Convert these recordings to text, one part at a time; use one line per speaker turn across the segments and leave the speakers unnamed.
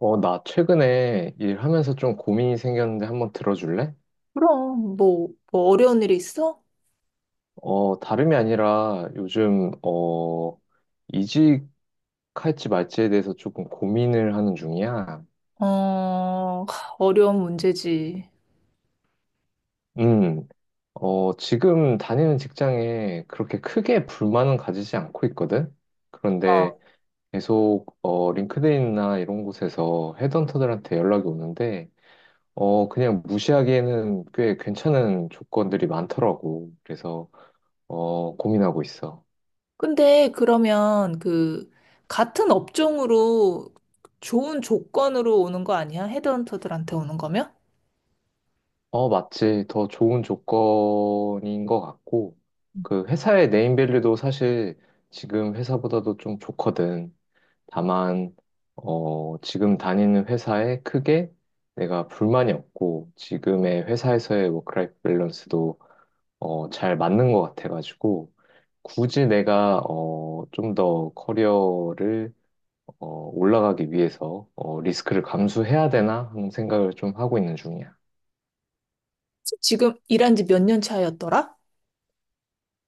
나 최근에 일하면서 좀 고민이 생겼는데 한번 들어줄래?
그럼, 뭐 어려운 일이 있어?
다름이 아니라 요즘, 이직할지 말지에 대해서 조금 고민을 하는 중이야.
어, 어려운 문제지.
음, 지금 다니는 직장에 그렇게 크게 불만은 가지지 않고 있거든? 그런데
어.
계속, 링크드인이나 이런 곳에서 헤드헌터들한테 연락이 오는데, 그냥 무시하기에는 꽤 괜찮은 조건들이 많더라고. 그래서, 고민하고 있어.
근데 그러면 같은 업종으로 좋은 조건으로 오는 거 아니야? 헤드헌터들한테 오는 거면?
맞지. 더 좋은 조건인 것 같고, 그 회사의 네임밸류도 사실 지금 회사보다도 좀 좋거든. 다만, 지금 다니는 회사에 크게 내가 불만이 없고, 지금의 회사에서의 워크라이프 밸런스도 잘 맞는 것 같아가지고, 굳이 내가 좀 더 커리어를 어, 올라가기 위해서 리스크를 감수해야 되나 하는 생각을 좀 하고 있는 중이야.
지금 일한 지 몇 년 차였더라?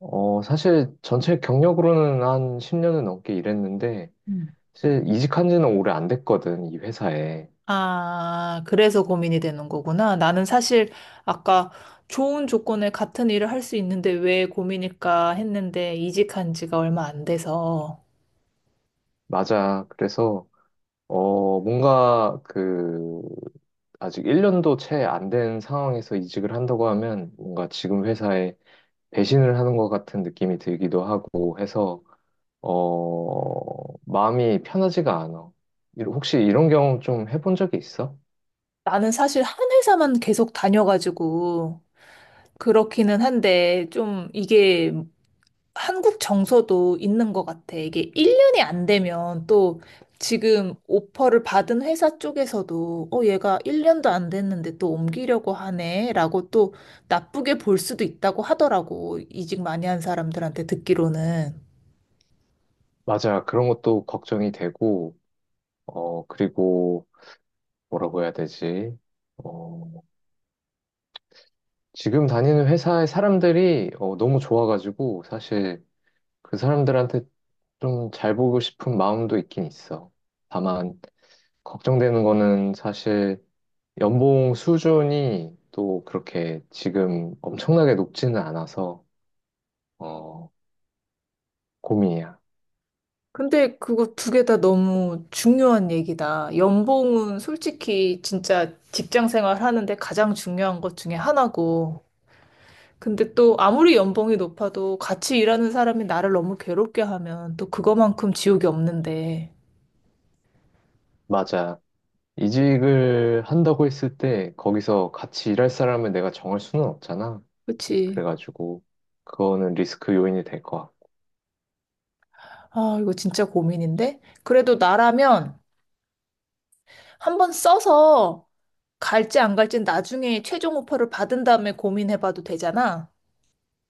사실 전체 경력으로는 한 10년은 넘게 일했는데,
음.
사실 이직한 지는 오래 안 됐거든, 이 회사에.
아, 그래서 고민이 되는 거구나. 나는 사실 아까 좋은 조건에 같은 일을 할 수 있는데 왜 고민일까 했는데 이직한 지가 얼마 안 돼서.
맞아. 그래서, 뭔가 그, 아직 1년도 채 안 된 상황에서 이직을 한다고 하면, 뭔가 지금 회사에 배신을 하는 것 같은 느낌이 들기도 하고 해서, 마음이 편하지가 않아. 혹시 이런 경험 좀 해본 적이 있어?
나는 사실 한 회사만 계속 다녀가지고 그렇기는 한데 좀 이게 한국 정서도 있는 것 같아. 이게 1년이 안 되면 또 지금 오퍼를 받은 회사 쪽에서도 얘가 1년도 안 됐는데 또 옮기려고 하네 라고 또 나쁘게 볼 수도 있다고 하더라고. 이직 많이 한 사람들한테 듣기로는.
맞아. 그런 것도 걱정이 되고, 그리고, 뭐라고 해야 되지? 어, 지금 다니는 회사의 사람들이 너무 좋아가지고 사실 그 사람들한테 좀 잘 보고 싶은 마음도 있긴 있어. 다만 걱정되는 거는 사실 연봉 수준이 또 그렇게 지금 엄청나게 높지는 않아서 어, 고민이야.
근데 그거 2개 다 너무 중요한 얘기다. 연봉은 솔직히 진짜 직장 생활 하는데 가장 중요한 것 중에 하나고. 근데 또 아무리 연봉이 높아도 같이 일하는 사람이 나를 너무 괴롭게 하면 또 그거만큼 지옥이 없는데.
맞아. 이직을 한다고 했을 때 거기서 같이 일할 사람을 내가 정할 수는 없잖아.
그치.
그래가지고 그거는 리스크 요인이 될 것
아, 이거 진짜 고민인데? 그래도 나라면 한번 써서 갈지 안 갈지 는 나중에 최종 오퍼를 받은 다음에 고민해봐도 되잖아.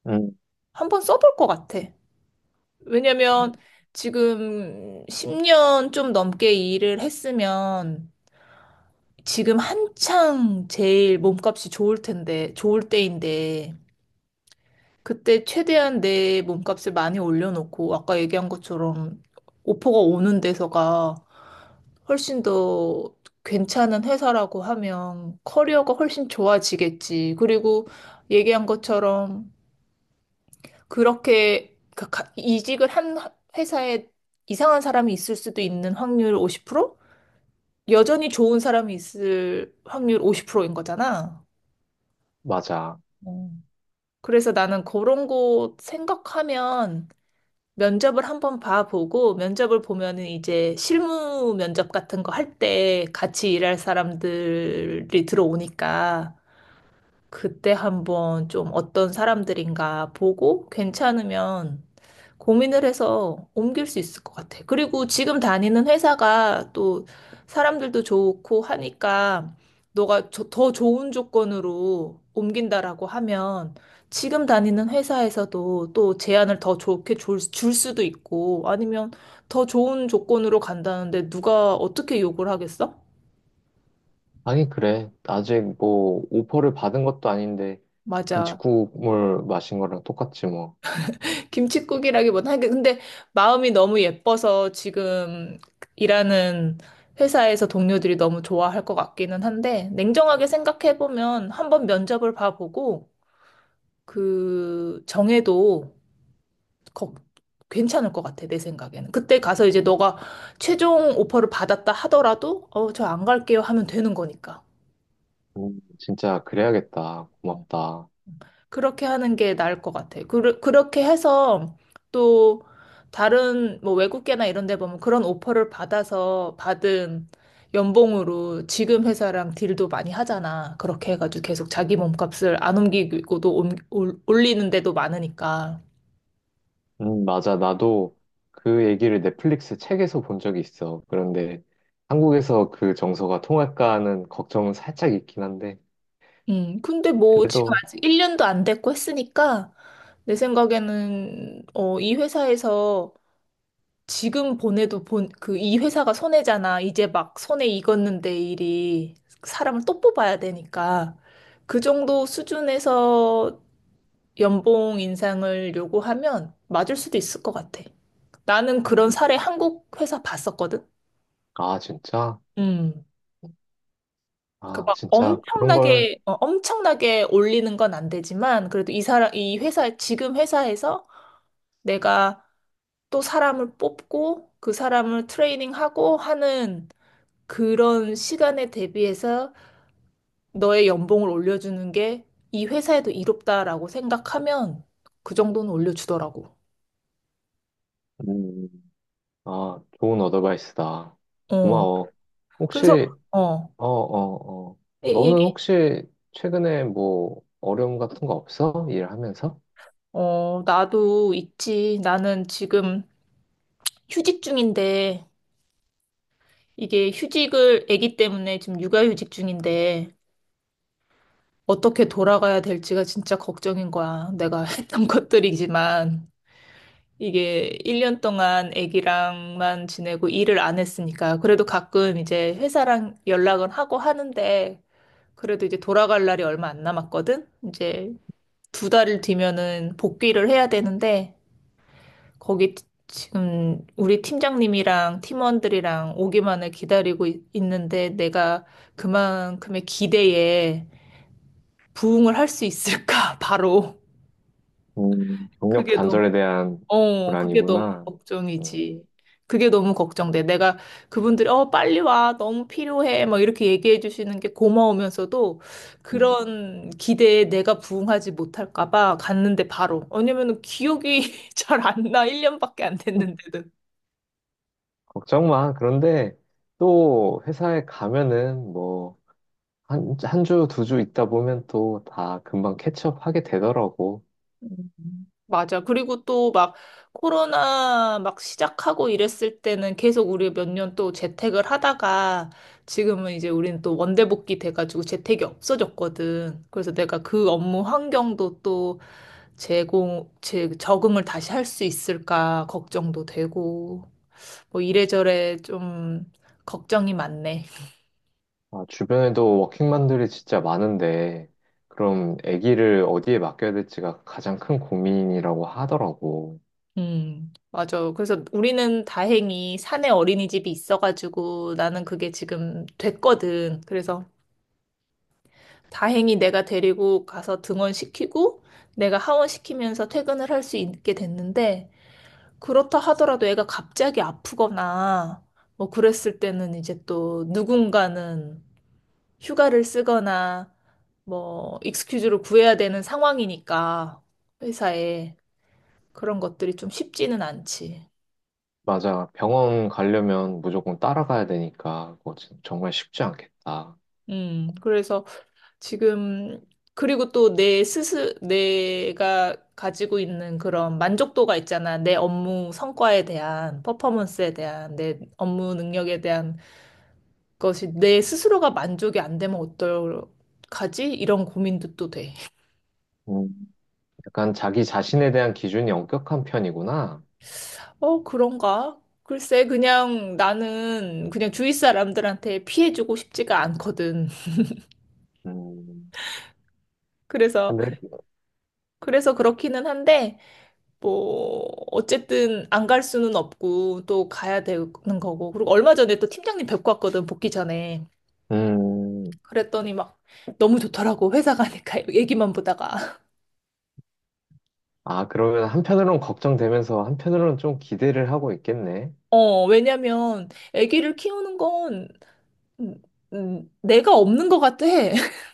같고.
한번 써볼 것 같아. 왜냐면 지금 10년 좀 넘게 일을 했으면 지금 한창 제일 몸값이 좋을 텐데, 좋을 때인데, 그때 최대한 내 몸값을 많이 올려놓고, 아까 얘기한 것처럼 오퍼가 오는 데서가 훨씬 더 괜찮은 회사라고 하면 커리어가 훨씬 좋아지겠지. 그리고 얘기한 것처럼 이직을 한 회사에 이상한 사람이 있을 수도 있는 확률 50%? 여전히 좋은 사람이 있을 확률 50%인 거잖아.
맞아.
어. 그래서 나는 그런 거 생각하면 면접을 한번 봐보고 면접을 보면은 이제 실무 면접 같은 거 할 때 같이 일할 사람들이 들어오니까 그때 한번 좀 어떤 사람들인가 보고 괜찮으면 고민을 해서 옮길 수 있을 것 같아. 그리고 지금 다니는 회사가 또 사람들도 좋고 하니까 너가 더 좋은 조건으로 옮긴다라고 하면 지금 다니는 회사에서도 또 제안을 더 좋게 줄 수도 있고 아니면 더 좋은 조건으로 간다는데 누가 어떻게 욕을 하겠어?
아니, 그래. 아직 뭐, 오퍼를 받은 것도 아닌데,
맞아.
김치국물 마신 거랑 똑같지 뭐.
김칫국이라기보다 하긴 근데 마음이 너무 예뻐서 지금 일하는 회사에서 동료들이 너무 좋아할 것 같기는 한데 냉정하게 생각해 보면 한번 면접을 봐보고 그 정해도 거- 괜찮을 것 같아 내 생각에는 그때 가서 이제 너가 최종 오퍼를 받았다 하더라도 어 저 안 갈게요 하면 되는 거니까.
진짜 그래야겠다.
어.
고맙다.
그렇게 하는 게 나을 것 같아. 그렇게 해서 또 다른 뭐 외국계나 이런 데 보면 그런 오퍼를 받아서 받은 연봉으로 지금 회사랑 딜도 많이 하잖아. 그렇게 해가지고 계속 자기 몸값을 안 옮기고도 올리는 데도 많으니까.
맞아. 나도 그 얘기를 넷플릭스 책에서 본 적이 있어. 그런데 한국에서 그 정서가 통할까 하는 걱정은 살짝 있긴 한데,
근데 뭐 지금
그래도,
아직 1년도 안 됐고 했으니까 내 생각에는 이 회사에서 지금 보내도 이 회사가 손해잖아. 이제 막 손에 익었는데 일이 사람을 또 뽑아야 되니까. 그 정도 수준에서 연봉 인상을 요구하면 맞을 수도 있을 것 같아. 나는
음,
그런 사례 한국 회사 봤었거든.
아, 진짜?
음. 그러니까
아,
막
진짜 그런 걸,
엄청나게 엄청나게 올리는 건 안 되지만 그래도 이 사람 이 회사 지금 회사에서 내가 또 사람을 뽑고 그 사람을 트레이닝하고 하는 그런 시간에 대비해서 너의 연봉을 올려주는 게 이 회사에도 이롭다라고 생각하면 그 정도는 올려주더라고.
음, 아, 좋은 어드바이스다.
어.
고마워.
그래서,
혹시.
어,
어, 어, 어.
얘-
너는
얘기,
혹시 최근에 뭐 어려움 같은 거 없어? 일하면서?
나도 있지. 나는 지금 휴직 중인데, 이게 휴직을, 아기 때문에 지금 육아휴직 중인데, 어떻게 돌아가야 될지가 진짜 걱정인 거야. 내가 했던 것들이지만. 이게 1년 동안 아기랑만 지내고 일을 안 했으니까 그래도 가끔 이제 회사랑 연락은 하고 하는데 그래도 이제 돌아갈 날이 얼마 안 남았거든. 이제 2달을 뒤면은 복귀를 해야 되는데 거기 지금 우리 팀장님이랑 팀원들이랑 오기만을 기다리고 있는데 내가 그만큼의 기대에 부응을 할 수 있을까? 바로
경력
그게
단절에 대한
그게 너무
불안이구나.
걱정이지.
음,
그게 너무 걱정돼. 내가 그분들이, 빨리 와. 너무 필요해. 막 이렇게 얘기해 주시는 게 고마우면서도
음.
그런 기대에 내가 부응하지 못할까 봐 갔는데 바로. 왜냐면 기억이 잘 안 나. 1년밖에 안 됐는데도.
걱정 마. 그런데 또 회사에 가면은 뭐 한, 한 주, 두 주 있다 보면 또 다 금방 캐치업 하게 되더라고.
음. 맞아. 그리고 또 막 코로나 막 시작하고 이랬을 때는 계속 우리 몇 년 또 재택을 하다가 지금은 이제 우리는 또 원대복귀 돼가지고 재택이 없어졌거든. 그래서 내가 그 업무 환경도 또 제 적응을 다시 할 수 있을까 걱정도 되고 뭐 이래저래 좀 걱정이 많네.
아, 주변에도 워킹맘들이 진짜 많은데 그럼 아기를 어디에 맡겨야 될지가 가장 큰 고민이라고 하더라고.
맞아. 그래서 우리는 다행히 산에 어린이집이 있어가지고 나는 그게 지금 됐거든. 그래서 다행히 내가 데리고 가서 등원시키고 내가 하원시키면서 퇴근을 할 수 있게 됐는데 그렇다 하더라도 애가 갑자기 아프거나 뭐 그랬을 때는 이제 또 누군가는 휴가를 쓰거나 뭐 익스큐즈를 구해야 되는 상황이니까 회사에 그런 것들이 좀 쉽지는 않지.
맞아. 병원 가려면 무조건 따라가야 되니까 그거 정말 쉽지 않겠다.
그래서 지금, 그리고 또 내 내가 가지고 있는 그런 만족도가 있잖아. 내 업무 성과에 대한, 퍼포먼스에 대한, 내 업무 능력에 대한 것이 내 스스로가 만족이 안 되면 어떡하지? 이런 고민도 또 돼.
음, 약간 자기 자신에 대한 기준이 엄격한 편이구나.
그런가? 글쎄, 그냥 나는 그냥 주위 사람들한테 피해주고 싶지가 않거든.
음,
그래서,
근데,
그래서 그렇기는 한데, 뭐 어쨌든 안 갈 수는 없고 또 가야 되는 거고 그리고 얼마 전에 또 팀장님 뵙고 왔거든 복귀 전에
음,
그랬더니 막 너무 좋더라고 회사 가니까 얘기만 보다가
아, 그러면 한편으로는 걱정되면서 한편으로는 좀 기대를 하고 있겠네.
왜냐면 아기를 키우는 건 음, 내가 없는 것 같아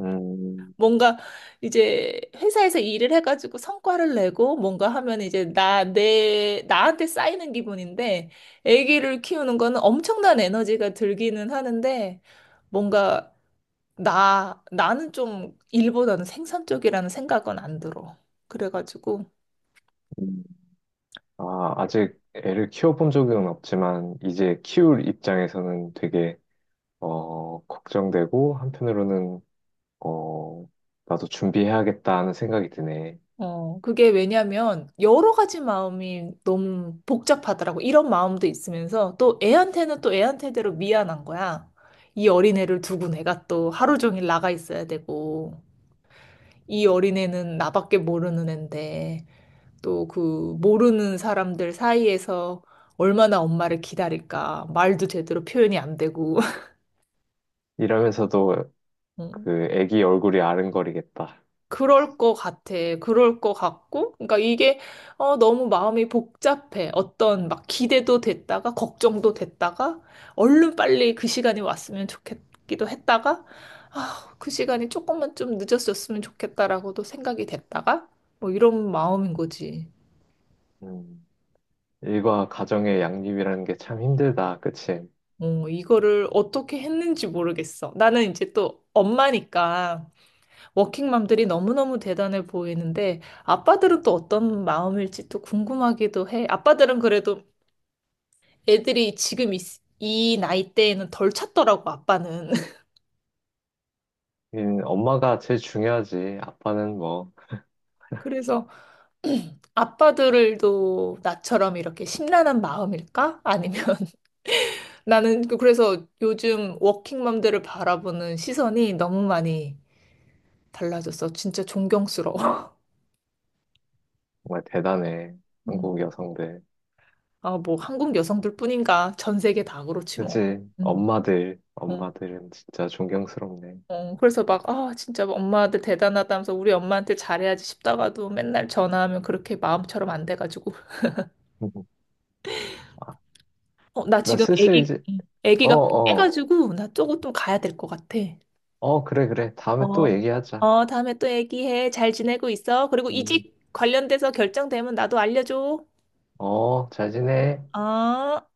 음,
뭔가 이제 회사에서 일을 해가지고 성과를 내고 뭔가 하면 이제 나 내 나한테 쌓이는 기분인데 아기를 키우는 거는 엄청난 에너지가 들기는 하는데 뭔가 나는 좀 일보다는 생산적이라는 생각은 안 들어. 그래가지고,
음. 아, 아직 애를 키워본 적은 없지만 이제 키울 입장에서는 되게 걱정되고 한편으로는 어, 나도 준비해야겠다는 생각이 드네.
그게 왜냐면 여러 가지 마음이 너무 복잡하더라고. 이런 마음도 있으면서 또 애한테는 또 애한테대로 미안한 거야. 이 어린애를 두고 내가 또 하루 종일 나가 있어야 되고, 이 어린애는 나밖에 모르는 앤데, 또 그 모르는 사람들 사이에서 얼마나 엄마를 기다릴까. 말도 제대로 표현이 안 되고.
이러면서도 그 애기 얼굴이 아른거리겠다.
그럴 것 같아. 그럴 것 같고. 그러니까 이게 너무 마음이 복잡해. 어떤 막 기대도 됐다가 걱정도 됐다가 얼른 빨리 그 시간이 왔으면 좋겠기도 했다가 아, 그 시간이 조금만 좀 늦었었으면 좋겠다라고도 생각이 됐다가 뭐 이런 마음인 거지.
음, 일과 가정의 양립이라는 게 참 힘들다. 그치?
이거를 어떻게 했는지 모르겠어. 나는 이제 또 엄마니까 워킹맘들이 너무너무 대단해 보이는데 아빠들은 또 어떤 마음일지 또 궁금하기도 해. 아빠들은 그래도 애들이 지금 이 나이대에는 덜 찾더라고, 아빠는.
엄마가 제일 중요하지. 아빠는 뭐
그래서 아빠들도 나처럼 이렇게 심란한 마음일까? 아니면 나는 그래서 요즘 워킹맘들을 바라보는 시선이 너무 많이 달라졌어. 진짜 존경스러워.
정말 대단해.
음.
한국 여성들.
아, 뭐 한국 여성들뿐인가? 전 세계 다 그렇지 뭐.
그치?
음.
엄마들,
어.
엄마들은 진짜 존경스럽네.
그래서 막, 아, 진짜 엄마한테 대단하다면서 우리 엄마한테 잘해야지 싶다가도 맨날 전화하면 그렇게 마음처럼 안 돼가지고.
음. 아,
나
나
지금
슬슬
애기,
이제. 어,
애기가
어,
깨가지고 나 조금 좀 가야 될 것 같아.
어, 그래, 그래. 다음에 또
어,
얘기하자.
어, 다음에 또 얘기해. 잘 지내고 있어. 그리고
음.
이직 관련돼서 결정되면 나도 알려줘.
어, 잘 지내.
어.